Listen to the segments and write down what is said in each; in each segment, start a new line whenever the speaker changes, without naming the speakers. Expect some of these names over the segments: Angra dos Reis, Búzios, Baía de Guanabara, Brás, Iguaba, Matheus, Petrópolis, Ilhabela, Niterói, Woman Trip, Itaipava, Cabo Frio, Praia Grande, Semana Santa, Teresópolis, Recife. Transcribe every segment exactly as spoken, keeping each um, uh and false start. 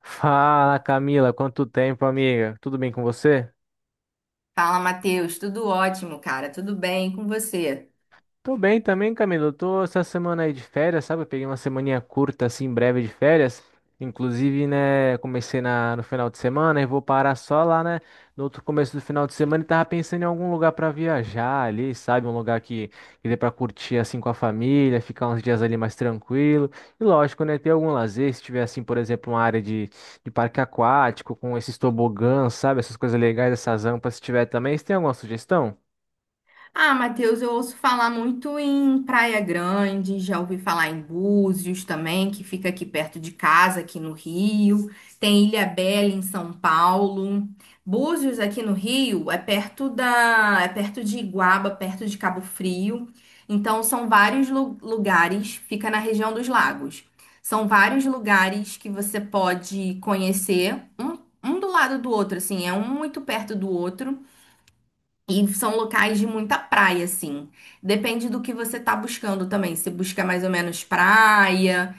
Fala, Camila, quanto tempo, amiga? Tudo bem com você?
Fala, Matheus. Tudo ótimo, cara. Tudo bem, e com você?
Tô bem também, Camilo. Eu tô essa semana aí de férias, sabe? Eu peguei uma semaninha curta, assim, breve de férias. Inclusive, né, comecei na, no final de semana e vou parar só lá, né, no outro começo do final de semana e tava pensando em algum lugar pra viajar ali, sabe? Um lugar que, que dê pra curtir, assim, com a família, ficar uns dias ali mais tranquilo. E lógico, né, ter algum lazer, se tiver, assim, por exemplo, uma área de, de parque aquático com esses tobogãs, sabe? Essas coisas legais, essas rampas, se tiver também. Você tem alguma sugestão?
Ah, Matheus, eu ouço falar muito em Praia Grande, já ouvi falar em Búzios também, que fica aqui perto de casa, aqui no Rio. Tem Ilhabela em São Paulo. Búzios aqui no Rio é perto da, é perto de Iguaba, perto de Cabo Frio. Então são vários lu- lugares, fica na região dos lagos. São vários lugares que você pode conhecer, um, um do lado do outro, assim, é um muito perto do outro. E são locais de muita praia, assim. Depende do que você tá buscando também. Se busca mais ou menos praia,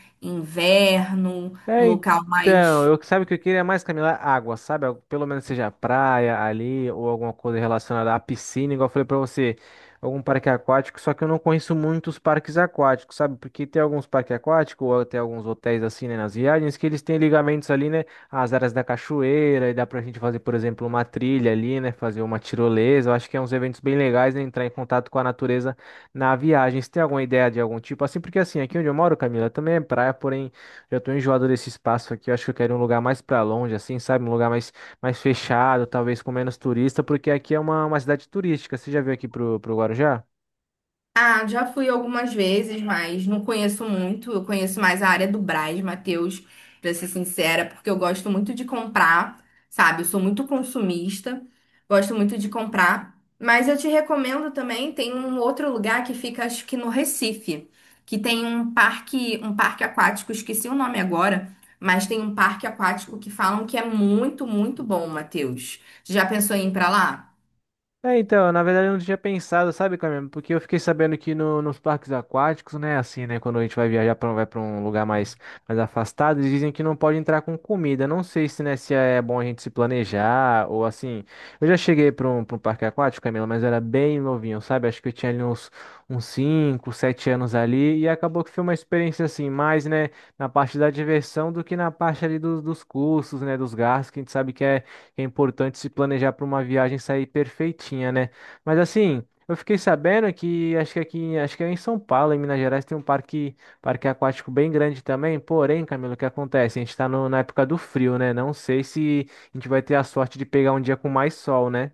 inverno, um
É,
local
então,
mais.
eu sabe o que eu queria mais, Camila? Água, sabe? Al- Pelo menos seja praia ali ou alguma coisa relacionada à piscina, igual eu falei pra você, algum parque aquático, só que eu não conheço muitos parques aquáticos, sabe? Porque tem alguns parques aquáticos ou até alguns hotéis assim, né, nas viagens, que eles têm ligamentos ali, né, às áreas da cachoeira e dá pra gente fazer, por exemplo, uma trilha ali, né, fazer uma tirolesa. Eu acho que é uns eventos bem legais, né, entrar em contato com a natureza na viagem. Você tem alguma ideia de algum tipo assim? Porque assim, aqui onde eu moro, Camila, também é praia, porém já tô enjoado desse espaço aqui. Eu acho que eu quero um lugar mais pra longe, assim, sabe? Um lugar mais, mais fechado, talvez com menos turista, porque aqui é uma, uma cidade turística. Você já veio aqui pro, pro Guarujá?
Ah, já fui algumas vezes, mas não conheço muito. Eu conheço mais a área do Brás, Matheus, pra ser sincera, porque eu gosto muito de comprar, sabe? Eu sou muito consumista, gosto muito de comprar. Mas eu te recomendo também, tem um outro lugar que fica, acho que no Recife, que tem um parque, um parque aquático, esqueci o nome agora, mas tem um parque aquático que falam que é muito, muito bom, Matheus. Já pensou em ir pra lá?
É, então, na verdade eu não tinha pensado, sabe, Camila? Porque eu fiquei sabendo que no- nos parques aquáticos, né, assim, né, quando a gente vai viajar para vai para um lugar mais, mais afastado, eles dizem que não pode entrar com comida. Não sei se, né, se é bom a gente se planejar ou assim. Eu já cheguei para um, para um parque aquático, Camila, mas eu era bem novinho, sabe? Acho que eu tinha ali uns uns cinco sete anos ali e acabou que foi uma experiência assim, mais, né, na parte da diversão do que na parte ali dos, dos custos, né, dos gastos, que a gente sabe que é é importante se planejar para uma viagem sair perfeitinha, né? Mas assim, eu fiquei sabendo que acho que aqui, acho que é em São Paulo, em Minas Gerais, tem um parque, parque aquático bem grande também. Porém, Camilo, o que acontece? A gente está na época do frio, né? Não sei se a gente vai ter a sorte de pegar um dia com mais sol, né?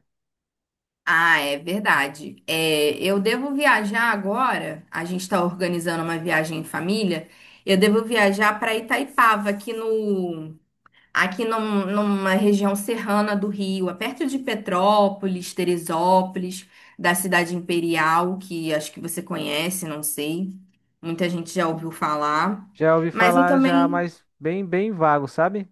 Ah, é verdade. É, eu devo viajar agora. A gente está organizando uma viagem em família. Eu devo viajar para Itaipava, aqui no, aqui num- numa região serrana do Rio, é perto de Petrópolis, Teresópolis, da Cidade Imperial, que acho que você conhece, não sei. Muita gente já ouviu falar.
Já ouvi
Mas eu
falar já,
também
mas bem, bem vago, sabe?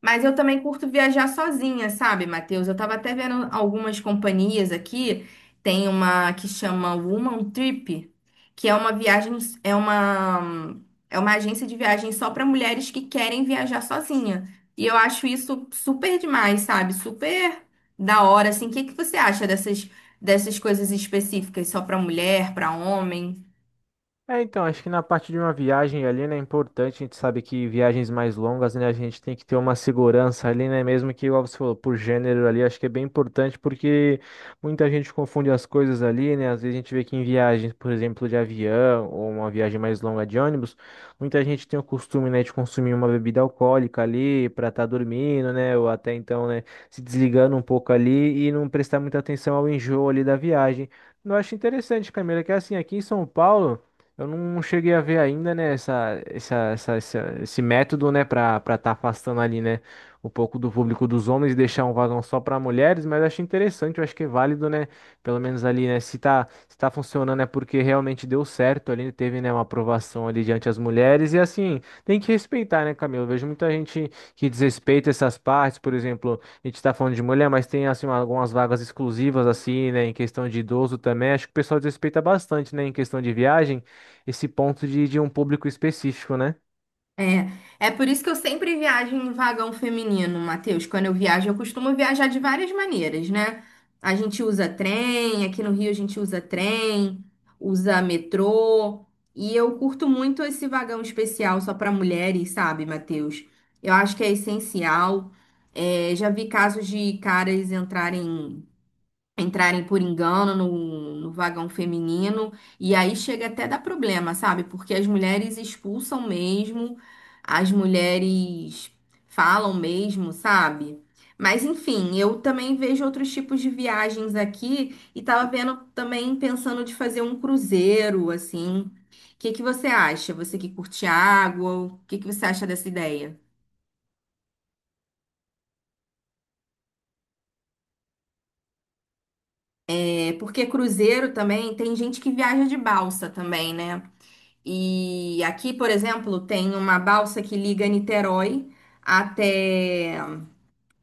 Mas eu também curto viajar sozinha, sabe, Matheus? Eu tava até vendo algumas companhias aqui. Tem uma que chama Woman Trip, que é uma viagem, é uma, é uma agência de viagem só para mulheres que querem viajar sozinha. E eu acho isso super demais, sabe? Super da hora, assim. O que que você acha dessas, dessas coisas específicas só para mulher, para homem?
É, então, acho que na parte de uma viagem ali, né, é importante, a gente sabe que viagens mais longas, né, a gente tem que ter uma segurança ali, né, mesmo que, igual você falou, por gênero ali, acho que é bem importante porque muita gente confunde as coisas ali, né, às vezes a gente vê que em viagens, por exemplo, de avião ou uma viagem mais longa de ônibus, muita gente tem o costume, né, de consumir uma bebida alcoólica ali para estar dormindo, né, ou até então, né, se desligando um pouco ali e não prestar muita atenção ao enjoo ali da viagem. Eu acho interessante, Camila, que assim, aqui em São Paulo, eu não cheguei a ver ainda, né, essa, essa, essa, essa- esse método, né, para para estar afastando ali, né, um pouco do público dos homens e deixar um vagão só para mulheres, mas eu achei interessante, eu acho que é válido, né, pelo menos ali, né, se tá, se tá funcionando é porque realmente deu certo ali, teve, né, uma aprovação ali diante as mulheres e assim, tem que respeitar, né, Camilo? Eu vejo muita gente que desrespeita essas partes, por exemplo, a gente tá falando de mulher, mas tem, assim, algumas vagas exclusivas, assim, né, em questão de idoso também, acho que o pessoal desrespeita bastante, né, em questão de viagem, esse ponto de, de um público específico, né?
É, é por isso que eu sempre viajo em vagão feminino, Matheus. Quando eu viajo, eu costumo viajar de várias maneiras, né? A gente usa trem, aqui no Rio a gente usa trem, usa metrô, e eu curto muito esse vagão especial só para mulheres, sabe, Matheus? Eu acho que é essencial. É, já vi casos de caras entrarem entrarem por engano no, no vagão feminino, e aí chega até dar problema, sabe? Porque as mulheres expulsam mesmo, as mulheres falam mesmo, sabe? Mas enfim, eu também vejo outros tipos de viagens aqui e tava vendo também pensando de fazer um cruzeiro, assim. O que que você acha? Você que curte água, o que que você acha dessa ideia? É porque cruzeiro também tem gente que viaja de balsa também, né? E aqui, por exemplo, tem uma balsa que liga Niterói até,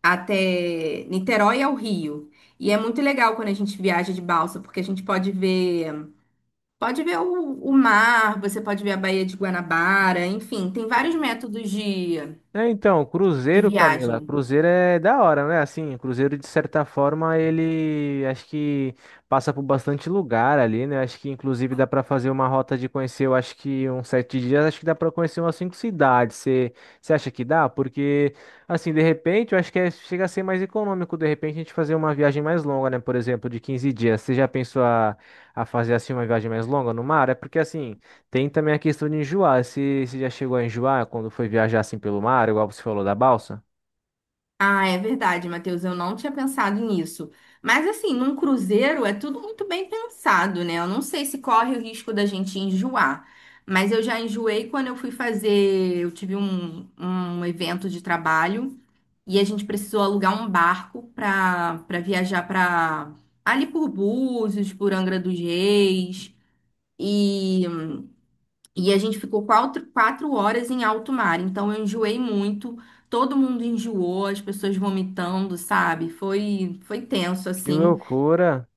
até Niterói ao Rio. E é muito legal quando a gente viaja de balsa, porque a gente pode ver, pode ver o, o mar, você pode ver a Baía de Guanabara, enfim, tem vários métodos de,
É, então,
de
Cruzeiro, Camila,
viagem.
Cruzeiro é da hora, né? Assim, Cruzeiro, de certa forma, ele acho que passa por bastante lugar ali, né? Acho que, inclusive, dá para fazer uma rota de conhecer, eu acho que uns sete dias, acho que dá para conhecer umas cinco cidades. Você você acha que dá? Porque, assim, de repente, eu acho que é- chega a ser mais econômico, de repente, a gente fazer uma viagem mais longa, né? Por exemplo, de quinze dias. Você já pensou a, a fazer, assim, uma viagem mais longa no mar? É porque, assim. Tem também a questão de enjoar. Se você já chegou a enjoar quando foi viajar assim pelo mar, igual você falou da balsa?
Ah, é verdade, Matheus, eu não tinha pensado nisso. Mas assim, num cruzeiro é tudo muito bem pensado, né? Eu não sei se corre o risco da gente enjoar. Mas eu já enjoei quando eu fui fazer. Eu tive um, um evento de trabalho e a gente precisou alugar um barco para para viajar para ali por Búzios, por Angra dos Reis. E e a gente ficou quatro, quatro horas em alto mar. Então eu enjoei muito, todo mundo enjoou, as pessoas vomitando, sabe? Foi, foi tenso
Que
assim,
loucura!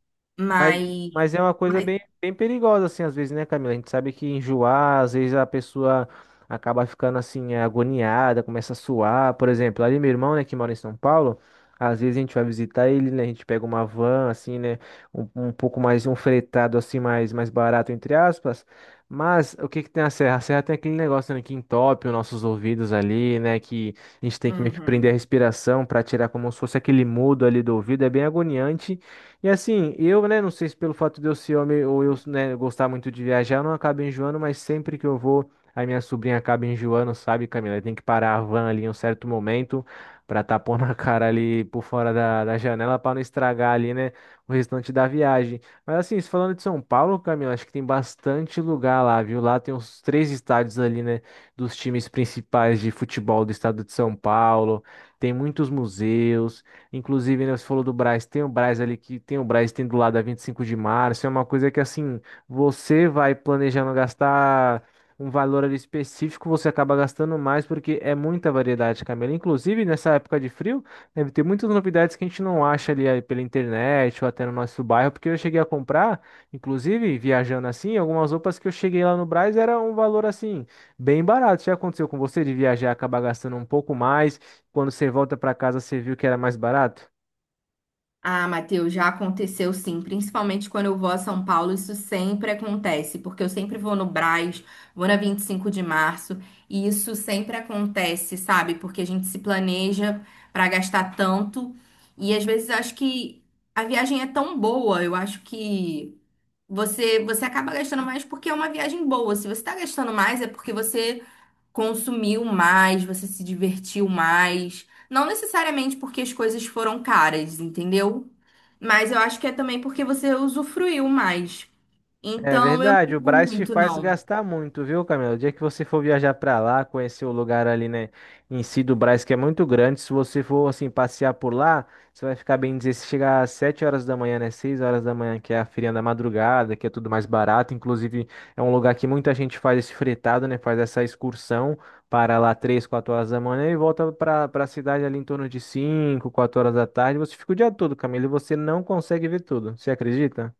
Mas,
mas,
mas é uma coisa
mas,
bem, bem perigosa, assim, às vezes, né, Camila? A gente sabe que enjoar, às vezes a pessoa acaba ficando, assim, agoniada, começa a suar. Por exemplo, ali meu irmão, né, que mora em São Paulo, às vezes a gente vai visitar ele, né, a gente pega uma van, assim, né, um, um pouco mais, um fretado, assim, mais, mais barato, entre aspas. Mas o que que tem a serra? A serra tem aquele negócio, né, que entope os nossos ouvidos ali, né, que a gente tem que meio que prender a
Uhum.
respiração para tirar como se fosse aquele mudo ali do ouvido. É bem agoniante. E assim, eu, né, não sei se pelo fato de eu ser homem ou eu, né, gostar muito de viajar, eu não acabo enjoando, mas sempre que eu vou, a minha sobrinha acaba enjoando, sabe, Camila? Tem que parar a van ali em um certo momento pra tapar na cara ali por fora da, da janela pra não estragar ali, né, o restante da viagem. Mas assim, se falando de São Paulo, Camila, acho que tem bastante lugar lá, viu? Lá tem uns três estádios ali, né, dos times principais de futebol do estado de São Paulo, tem muitos museus. Inclusive, né, você falou do Brás, tem o Brás ali que tem o Brás tem do lado a vinte e cinco de março, é uma coisa que assim, você vai planejando gastar um valor ali específico, você acaba gastando mais porque é muita variedade, Camila. Inclusive, nessa época de frio, deve ter muitas novidades que a gente não acha ali eh, pela internet ou até no nosso bairro, porque eu cheguei a comprar, inclusive, viajando assim, algumas roupas que eu cheguei lá no Brás era um valor assim, bem barato. Já aconteceu com você de viajar e acabar gastando um pouco mais? Quando você volta pra casa, você viu que era mais barato?
Ah, Matheus, já aconteceu sim, principalmente quando eu vou a São Paulo, isso sempre acontece, porque eu sempre vou no Brás, vou na Vinte e Cinco de Março, e isso sempre acontece, sabe? Porque a gente se planeja para gastar tanto, e às vezes eu acho que a viagem é tão boa, eu acho que você você acaba gastando mais porque é uma viagem boa. Se você está gastando mais, é porque você consumiu mais, você se divertiu mais. Não necessariamente porque as coisas foram caras, entendeu? Mas eu acho que é também porque você usufruiu mais.
É
Então eu não
verdade, o
digo
Brás te
muito,
faz
não.
gastar muito, viu, Camila? O dia que você for viajar pra lá, conhecer o lugar ali, né, em si do Brás, que é muito grande, se você for, assim, passear por lá, você vai ficar bem dizer, se chegar às sete horas da manhã, né, seis horas da manhã, que é a feirinha da madrugada, que é tudo mais barato, inclusive é um lugar que muita gente faz esse fretado, né, faz essa excursão para lá três, quatro horas da manhã e volta pra, pra cidade ali em torno de cinco, quatro horas da tarde, você fica o dia todo, Camila, e você não consegue ver tudo, você acredita?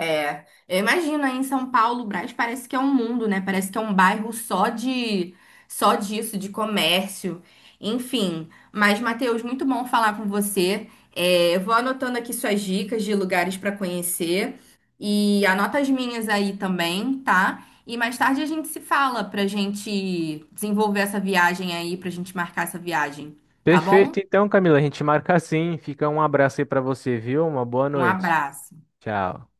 É, eu imagino aí em São Paulo, o Brás parece que é um mundo, né? Parece que é um bairro só de só disso, de comércio. Enfim, mas Matheus, muito bom falar com você. É, eu vou anotando aqui suas dicas de lugares para conhecer e anota as minhas aí também, tá? E mais tarde a gente se fala pra gente desenvolver essa viagem aí, pra gente marcar essa viagem, tá bom?
Perfeito, então, Camila, a gente marca assim. Fica um abraço aí pra você, viu? Uma boa
Um
noite.
abraço.
Tchau.